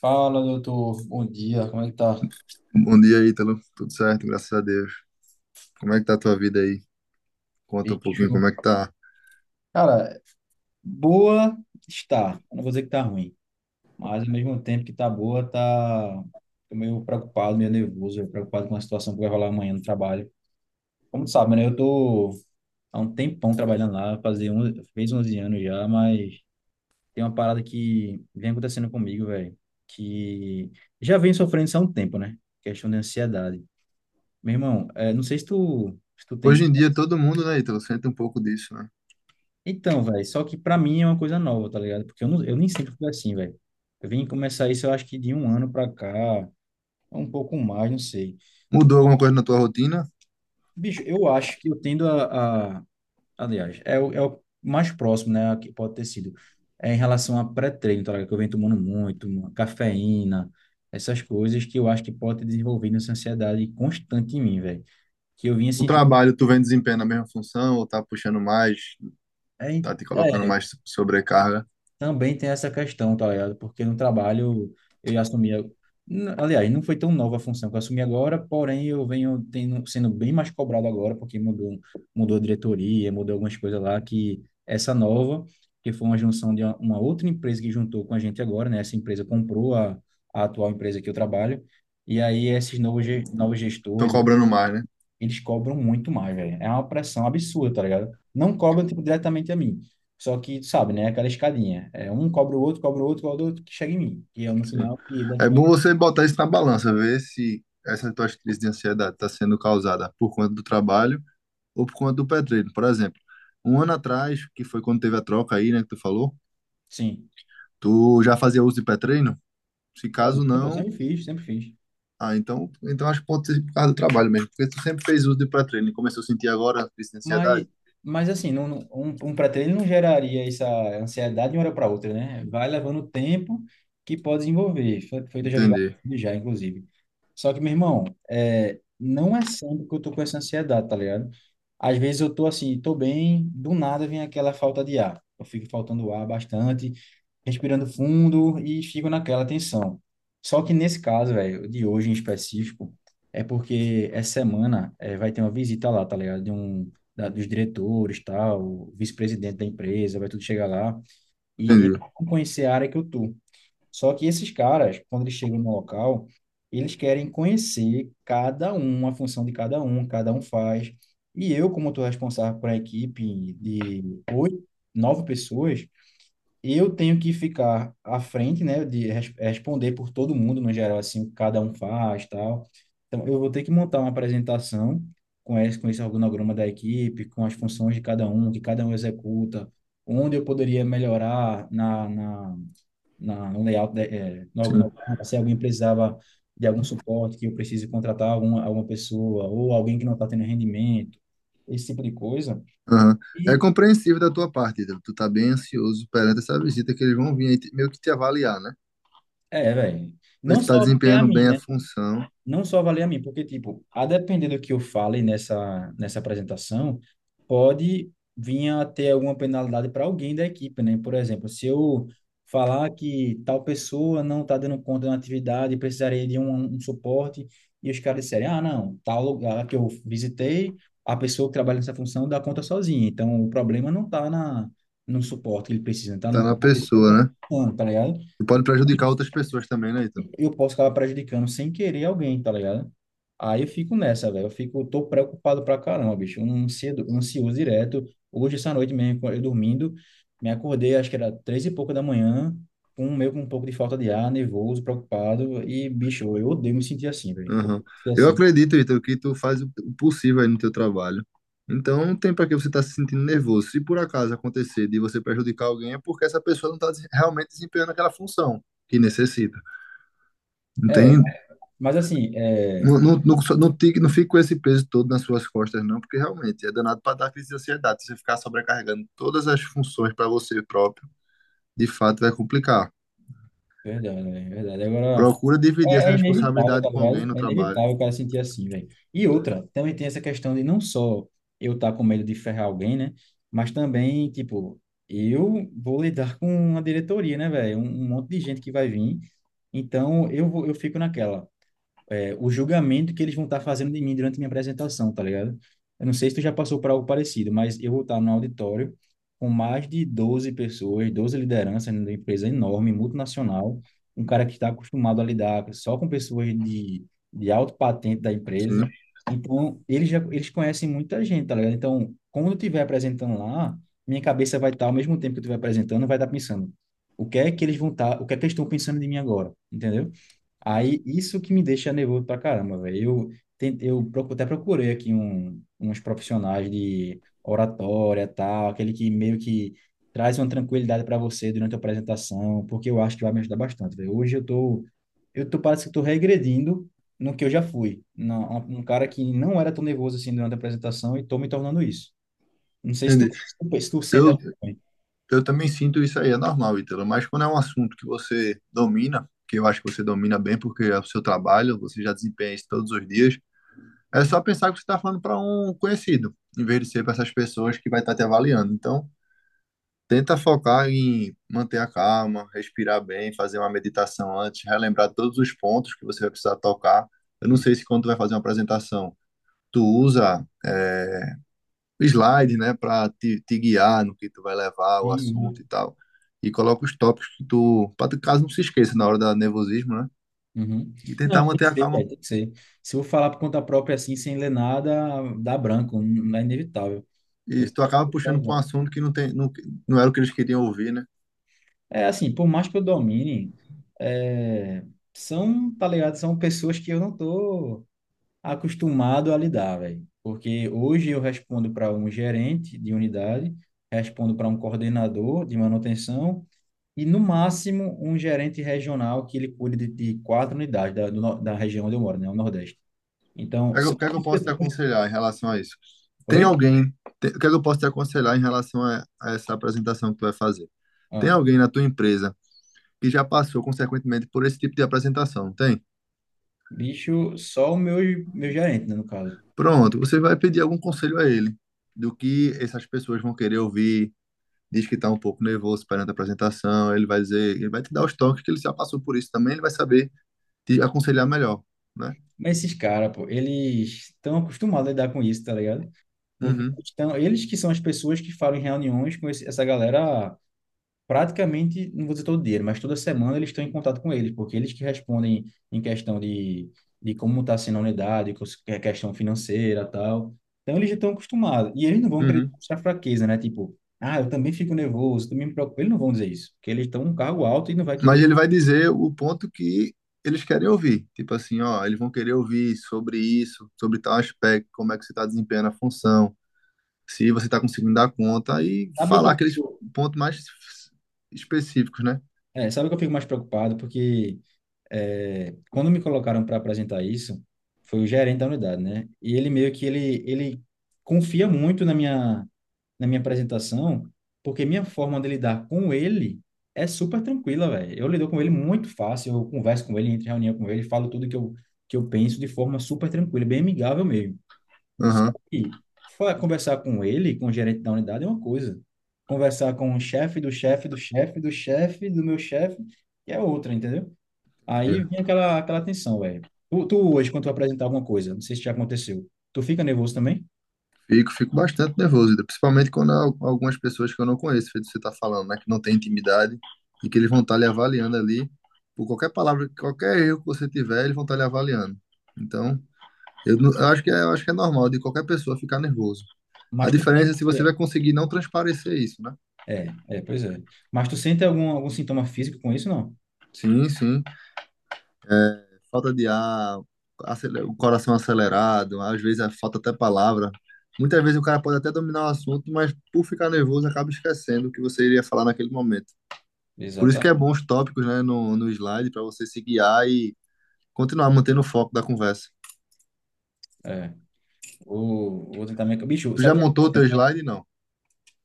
Fala, doutor. Bom dia. Como é que tá? Bom dia, Ítalo. Tudo certo, graças a Deus. Como é que tá a tua vida aí? Conta um Bicho. pouquinho como é que tá. Cara, boa está. Eu não vou dizer que tá ruim, mas ao mesmo tempo que tá boa, tá. Tô meio preocupado, meio nervoso, preocupado com a situação que vai rolar amanhã no trabalho. Como tu sabe, né? Eu tô há um tempão trabalhando lá, fez 11 anos já, mas tem uma parada que vem acontecendo comigo, velho, que já vem sofrendo isso há um tempo, né? Questão de ansiedade. Meu irmão, não sei se tu tem Hoje esse. em dia, todo mundo, né, Ítalo, sente um pouco disso, né? Então, velho, só que pra mim é uma coisa nova, tá ligado? Porque eu, não, eu nem sempre fui assim, velho. Eu vim começar isso, eu acho que de um ano pra cá, um pouco mais, não sei. Mudou alguma coisa na tua rotina? Bicho, eu acho que eu tendo a, a. Aliás, é o, é o mais próximo, né, que pode ter sido, é em relação a pré-treino, tá ligado? Que eu venho tomando muito, uma cafeína, essas coisas que eu acho que pode ter desenvolvido essa ansiedade constante em mim, velho. Que eu vinha O sentindo. trabalho, tu vem desempenhando a mesma função ou tá puxando mais, É, tá te colocando é, mais sobrecarga? também tem essa questão, tá ligado? Porque no trabalho eu já assumia. Aliás, não foi tão nova a função que eu assumi agora, porém eu venho tendo, sendo bem mais cobrado agora, porque mudou, a diretoria, mudou algumas coisas lá, que essa nova, que foi uma junção de uma, outra empresa que juntou com a gente agora, né? Essa empresa comprou a, atual empresa que eu trabalho, e aí esses novos Estão gestores, cobrando mais, né? eles cobram muito mais, velho. É uma pressão absurda, tá ligado? Não cobram, tipo, diretamente a mim. Só que, tu sabe, né? Aquela escadinha. É, um cobra o outro, cobra o outro, cobra o outro, que chega em mim. E eu, no Sim. final, e das É bom contas, você botar isso na balança, ver se essa tua crise de ansiedade está sendo causada por conta do trabalho ou por conta do petróleo. Por exemplo, um ano atrás, que foi quando teve a troca aí, né, que tu falou, sim. tu já fazia uso de pré. Se caso Fazia, pô, não, sempre fiz, sempre fiz. ah, então, então acho que pode ser por causa do trabalho mesmo, porque tu sempre fez uso de pré-treino e começou a sentir agora essa ansiedade? Mas, mas assim, um, pré-treino não geraria essa ansiedade de uma hora para outra, né? Vai levando tempo que pode desenvolver. Foi, eu já vi vários Entendi, vídeos já, inclusive. Só que, meu irmão, não é sempre que eu tô com essa ansiedade, tá ligado? Às vezes eu tô assim, tô bem, do nada vem aquela falta de ar. Eu fico faltando ar bastante, respirando fundo e fico naquela tensão. Só que nesse caso, velho, de hoje em específico, é porque essa semana vai ter uma visita lá, tá ligado? De um, da- dos diretores, tal, o vice-presidente da empresa, vai tudo chegar lá. E eles entendi. vão conhecer a área que eu tô. Só que esses caras, quando eles chegam no local, eles querem conhecer cada um, a função de cada um faz. E eu, como estou responsável por uma equipe de oito, nove pessoas, eu tenho que ficar à frente, né, de responder por todo mundo, no geral, assim, o que cada um faz, tal. Então, eu vou ter que montar uma apresentação com esse organograma da equipe, com as funções de cada um, que cada um executa, onde eu poderia melhorar na, no layout, né, no Sim. organograma, se alguém precisava de algum suporte, que eu precise contratar alguma, pessoa, ou alguém que não está tendo rendimento, esse tipo de coisa. Aham. É E, compreensível da tua parte, Ítalo. Tu tá bem ansioso perante essa visita que eles vão vir aí te- meio que te avaliar, né? Velho, Ver se não tu tá só do TEA desempenhando bem a função, não só valer a mim, porque, tipo, a depender do que eu fale nessa, apresentação, pode vir a ter alguma penalidade para alguém da equipe, né? Por exemplo, se eu falar que tal pessoa não está dando conta da atividade, precisaria de um, suporte, e os caras disserem, ah, não, tal lugar que eu visitei, a pessoa que trabalha nessa função dá conta sozinha, então o problema não está na no suporte que ele precisa, está na tá na pessoa que pessoa, está, né? tá ligado? E pode prejudicar outras pessoas também, né, Ítalo? Eu posso acabar prejudicando sem querer alguém, tá ligado? Aí eu fico nessa, velho. Eu fico, eu tô preocupado pra caramba, bicho. Um ansioso direto. Hoje, essa noite mesmo, eu dormindo, me acordei, acho que era três e pouca da manhã, com meio com um pouco de falta de ar, nervoso, preocupado. E, bicho, eu odeio me sentir assim, velho. Aham. Ser Eu assim. acredito, Ítalo, que tu faz o possível aí no teu trabalho. Então, não tem para que você estar se sentindo nervoso. Se por acaso acontecer de você prejudicar alguém, é porque essa pessoa não está realmente desempenhando aquela função que necessita. Não É, tem, mas assim, é. Não fica com esse peso todo nas suas costas, não, porque realmente é danado para dar crise de ansiedade. Se você ficar sobrecarregando todas as funções para você próprio, de fato vai complicar. Verdade, é verdade. Agora. Procura dividir essa É inevitável, responsabilidade tá com alguém ligado? no É trabalho. inevitável o cara sentir assim, velho. E outra, também tem essa questão de não só eu estar com medo de ferrar alguém, né? Mas também, tipo, eu vou lidar com uma diretoria, né, velho? Um monte de gente que vai vir. Então, eu fico naquela o julgamento que eles vão estar fazendo de mim durante minha apresentação, tá ligado? Eu não sei se tu já passou por algo parecido, mas eu vou estar no auditório com mais de 12 pessoas, 12 lideranças numa empresa enorme, multinacional, um cara que está acostumado a lidar só com pessoas de alto patente da empresa. Sim. Então, eles já eles conhecem muita gente, tá ligado? Então, quando eu estiver apresentando lá, minha cabeça vai estar, ao mesmo tempo que eu estiver apresentando, vai estar pensando o que é que eles vão estar, o que é que eles estão pensando de mim agora, entendeu? Aí, isso que me deixa nervoso pra caramba, velho. Eu, ten- eu procu- até procurei aqui um, uns profissionais de oratória, tal, aquele que meio que traz uma tranquilidade para você durante a apresentação, porque eu acho que vai me ajudar bastante, velho. Hoje parece que eu tô regredindo no que eu já fui. Um cara que não era tão nervoso assim durante a apresentação e tô me tornando isso. Não sei se tu, Entendi. se tu sente Eu, assim. Eu também sinto isso aí, é normal, Ítalo, mas quando é um assunto que você domina, que eu acho que você domina bem, porque é o seu trabalho, você já desempenha isso todos os dias, é só pensar que você está falando para um conhecido, em vez de ser para essas pessoas que vai estar te avaliando. Então, tenta focar em manter a calma, respirar bem, fazer uma meditação antes, relembrar todos os pontos que você vai precisar tocar. Eu não sei se quando tu vai fazer uma apresentação, tu usa slide, né, para te guiar no que tu vai levar o assunto Sim. e tal. E coloca os tópicos que tu, para tu caso não se esqueça na hora da nervosismo, né? Uhum. E tentar Não, tem que manter a ser, calma. velho, tem que ser. Se eu falar por conta própria assim, sem ler nada, dá branco, não é inevitável. E Eu tu vou acaba botar puxando para um junto. assunto que não tem, não, não era o que eles queriam ouvir, né? É assim, por mais que eu domine, é, são, tá ligado? São pessoas que eu não tô acostumado a lidar, velho. Porque hoje eu respondo para um gerente de unidade, respondo para um coordenador de manutenção e, no máximo, um gerente regional que ele cuide de quatro unidades da, do no- da região onde eu moro, né? O Nordeste. Então, O que é que eu o são. que é que eu posso te aconselhar em relação a isso? Tem Oi? alguém, tem- o que é que eu posso te aconselhar em relação a essa apresentação que tu vai fazer? Tem Ah, alguém na tua empresa que já passou, consequentemente, por esse tipo de apresentação, não tem? bicho, só o meu, meu gerente, né, no caso. Pronto, você vai pedir algum conselho a ele do que essas pessoas vão querer ouvir, diz que está um pouco nervoso perante a apresentação, ele vai dizer, ele vai te dar os toques que ele já passou por isso também, ele vai saber te aconselhar melhor, né? Mas esses caras, pô, eles estão acostumados a lidar com isso, tá ligado? Porque Uhum, estão, eles que são as pessoas que falam em reuniões com essa galera praticamente, não vou dizer todo dia, mas toda semana eles estão em contato com eles, porque eles que respondem em questão de como está sendo a unidade, que é questão financeira tal. Então eles já estão acostumados. E eles não vão querer uhum. mostrar fraqueza, né? Tipo, ah, eu também fico nervoso, também me preocupo. Eles não vão dizer isso, porque eles estão num cargo alto e não vai Mas querer. ele vai dizer o ponto que eles querem ouvir, tipo assim, ó, eles vão querer ouvir sobre isso, sobre tal aspecto, como é que você está desempenhando a função, se você está conseguindo dar conta e Sabe o que falar eu aqueles fico, pontos mais específicos, né? sabe o que eu fico mais preocupado? Porque quando me colocaram para apresentar isso, foi o gerente da unidade, né? E ele meio que ele confia muito na minha apresentação, porque minha forma de lidar com ele é super tranquila, velho. Eu lido com ele muito fácil, eu converso com ele, entro em reunião com ele, falo tudo que eu penso de forma super tranquila, bem amigável mesmo. Só Aham. que conversar com ele, com o gerente da unidade, é uma coisa. Conversar com o chefe do chefe do chefe do chefe do meu chefe, que é outra, entendeu? Aí vinha aquela, aquela tensão, velho. Tu hoje, quando tu apresentar alguma coisa, não sei se já aconteceu, tu fica nervoso também? Fico, fico bastante nervoso, ainda, principalmente quando há al- algumas pessoas que eu não conheço, feito você está falando, né, que não tem intimidade e que eles vão estar lhe avaliando ali por qualquer palavra, qualquer erro que você tiver, eles vão estar lhe avaliando. Então, eu, não- eu acho que é, eu acho que é normal de qualquer pessoa ficar nervoso. A Mas tu diferença sente é se que você é. vai conseguir não transparecer isso, né? É, é, pois é. Mas tu sente algum, algum sintoma físico com isso, não? Sim, sim. É, falta de ar, acele- o coração acelerado, às vezes é, falta até palavra. Muitas vezes o cara pode até dominar o assunto, mas por ficar nervoso acaba esquecendo o que você iria falar naquele momento. Por isso que é Exatamente. bom os tópicos, né, no slide, para você se guiar e continuar mantendo o foco da conversa. É. Vou tentar me... Bicho, Tu já sabe o que eu tô montou o sentindo, teu né? slide? Não.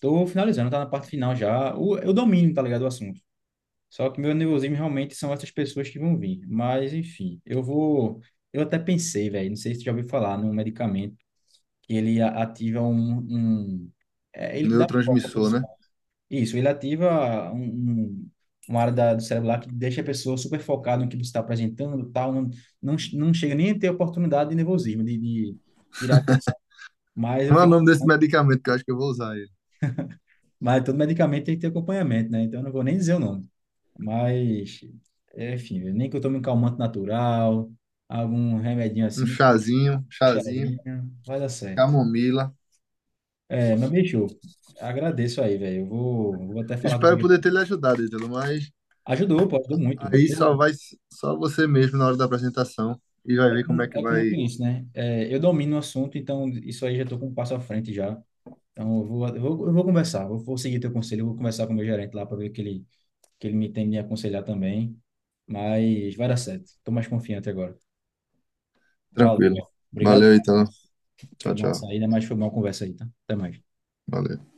Tô finalizando, tá na parte final já. Eu domino, tá ligado, o assunto. Só que meu nervosismo realmente são essas pessoas que vão vir. Mas, enfim, eu vou. Eu até pensei, velho, não sei se tu já ouviu falar num medicamento que ele ativa um. Ele dá um foco à Neurotransmissor, pessoa. né? Isso, ele ativa um, uma área do cérebro lá que deixa a pessoa super focada no que você está apresentando, tal. Não, não, não chega nem a ter oportunidade de nervosismo, de tirar. Mas eu Como é o fico. nome desse medicamento que eu acho que eu vou usar ele? Mas todo medicamento tem que ter acompanhamento, né? Então eu não vou nem dizer o nome. Mas, enfim, nem que eu tome um calmante natural, algum remedinho Um assim, um chazinho, chazinho, vai dar certo. camomila. É, mas bicho, agradeço aí, velho. Eu vou até falar Espero comigo. poder ter lhe ajudado, Ítalo, mas Ajudou, pô, ajudou muito. aí Eu, só você mesmo na hora da apresentação e vai é ver como como, é que é como tu vai. disse, né? É, eu domino o assunto, então isso aí já estou com um passo à frente já. Então eu vou conversar, vou seguir teu conselho, eu vou conversar com o meu gerente lá para ver que ele me tem me aconselhar também. Mas vai dar certo. Estou mais confiante agora. Valeu, Tranquilo. velho. Obrigado. Valeu, Ítalo. Tem Tchau, que lançar tchau. aí, né, mas foi uma boa conversa aí, tá? Até mais. Valeu.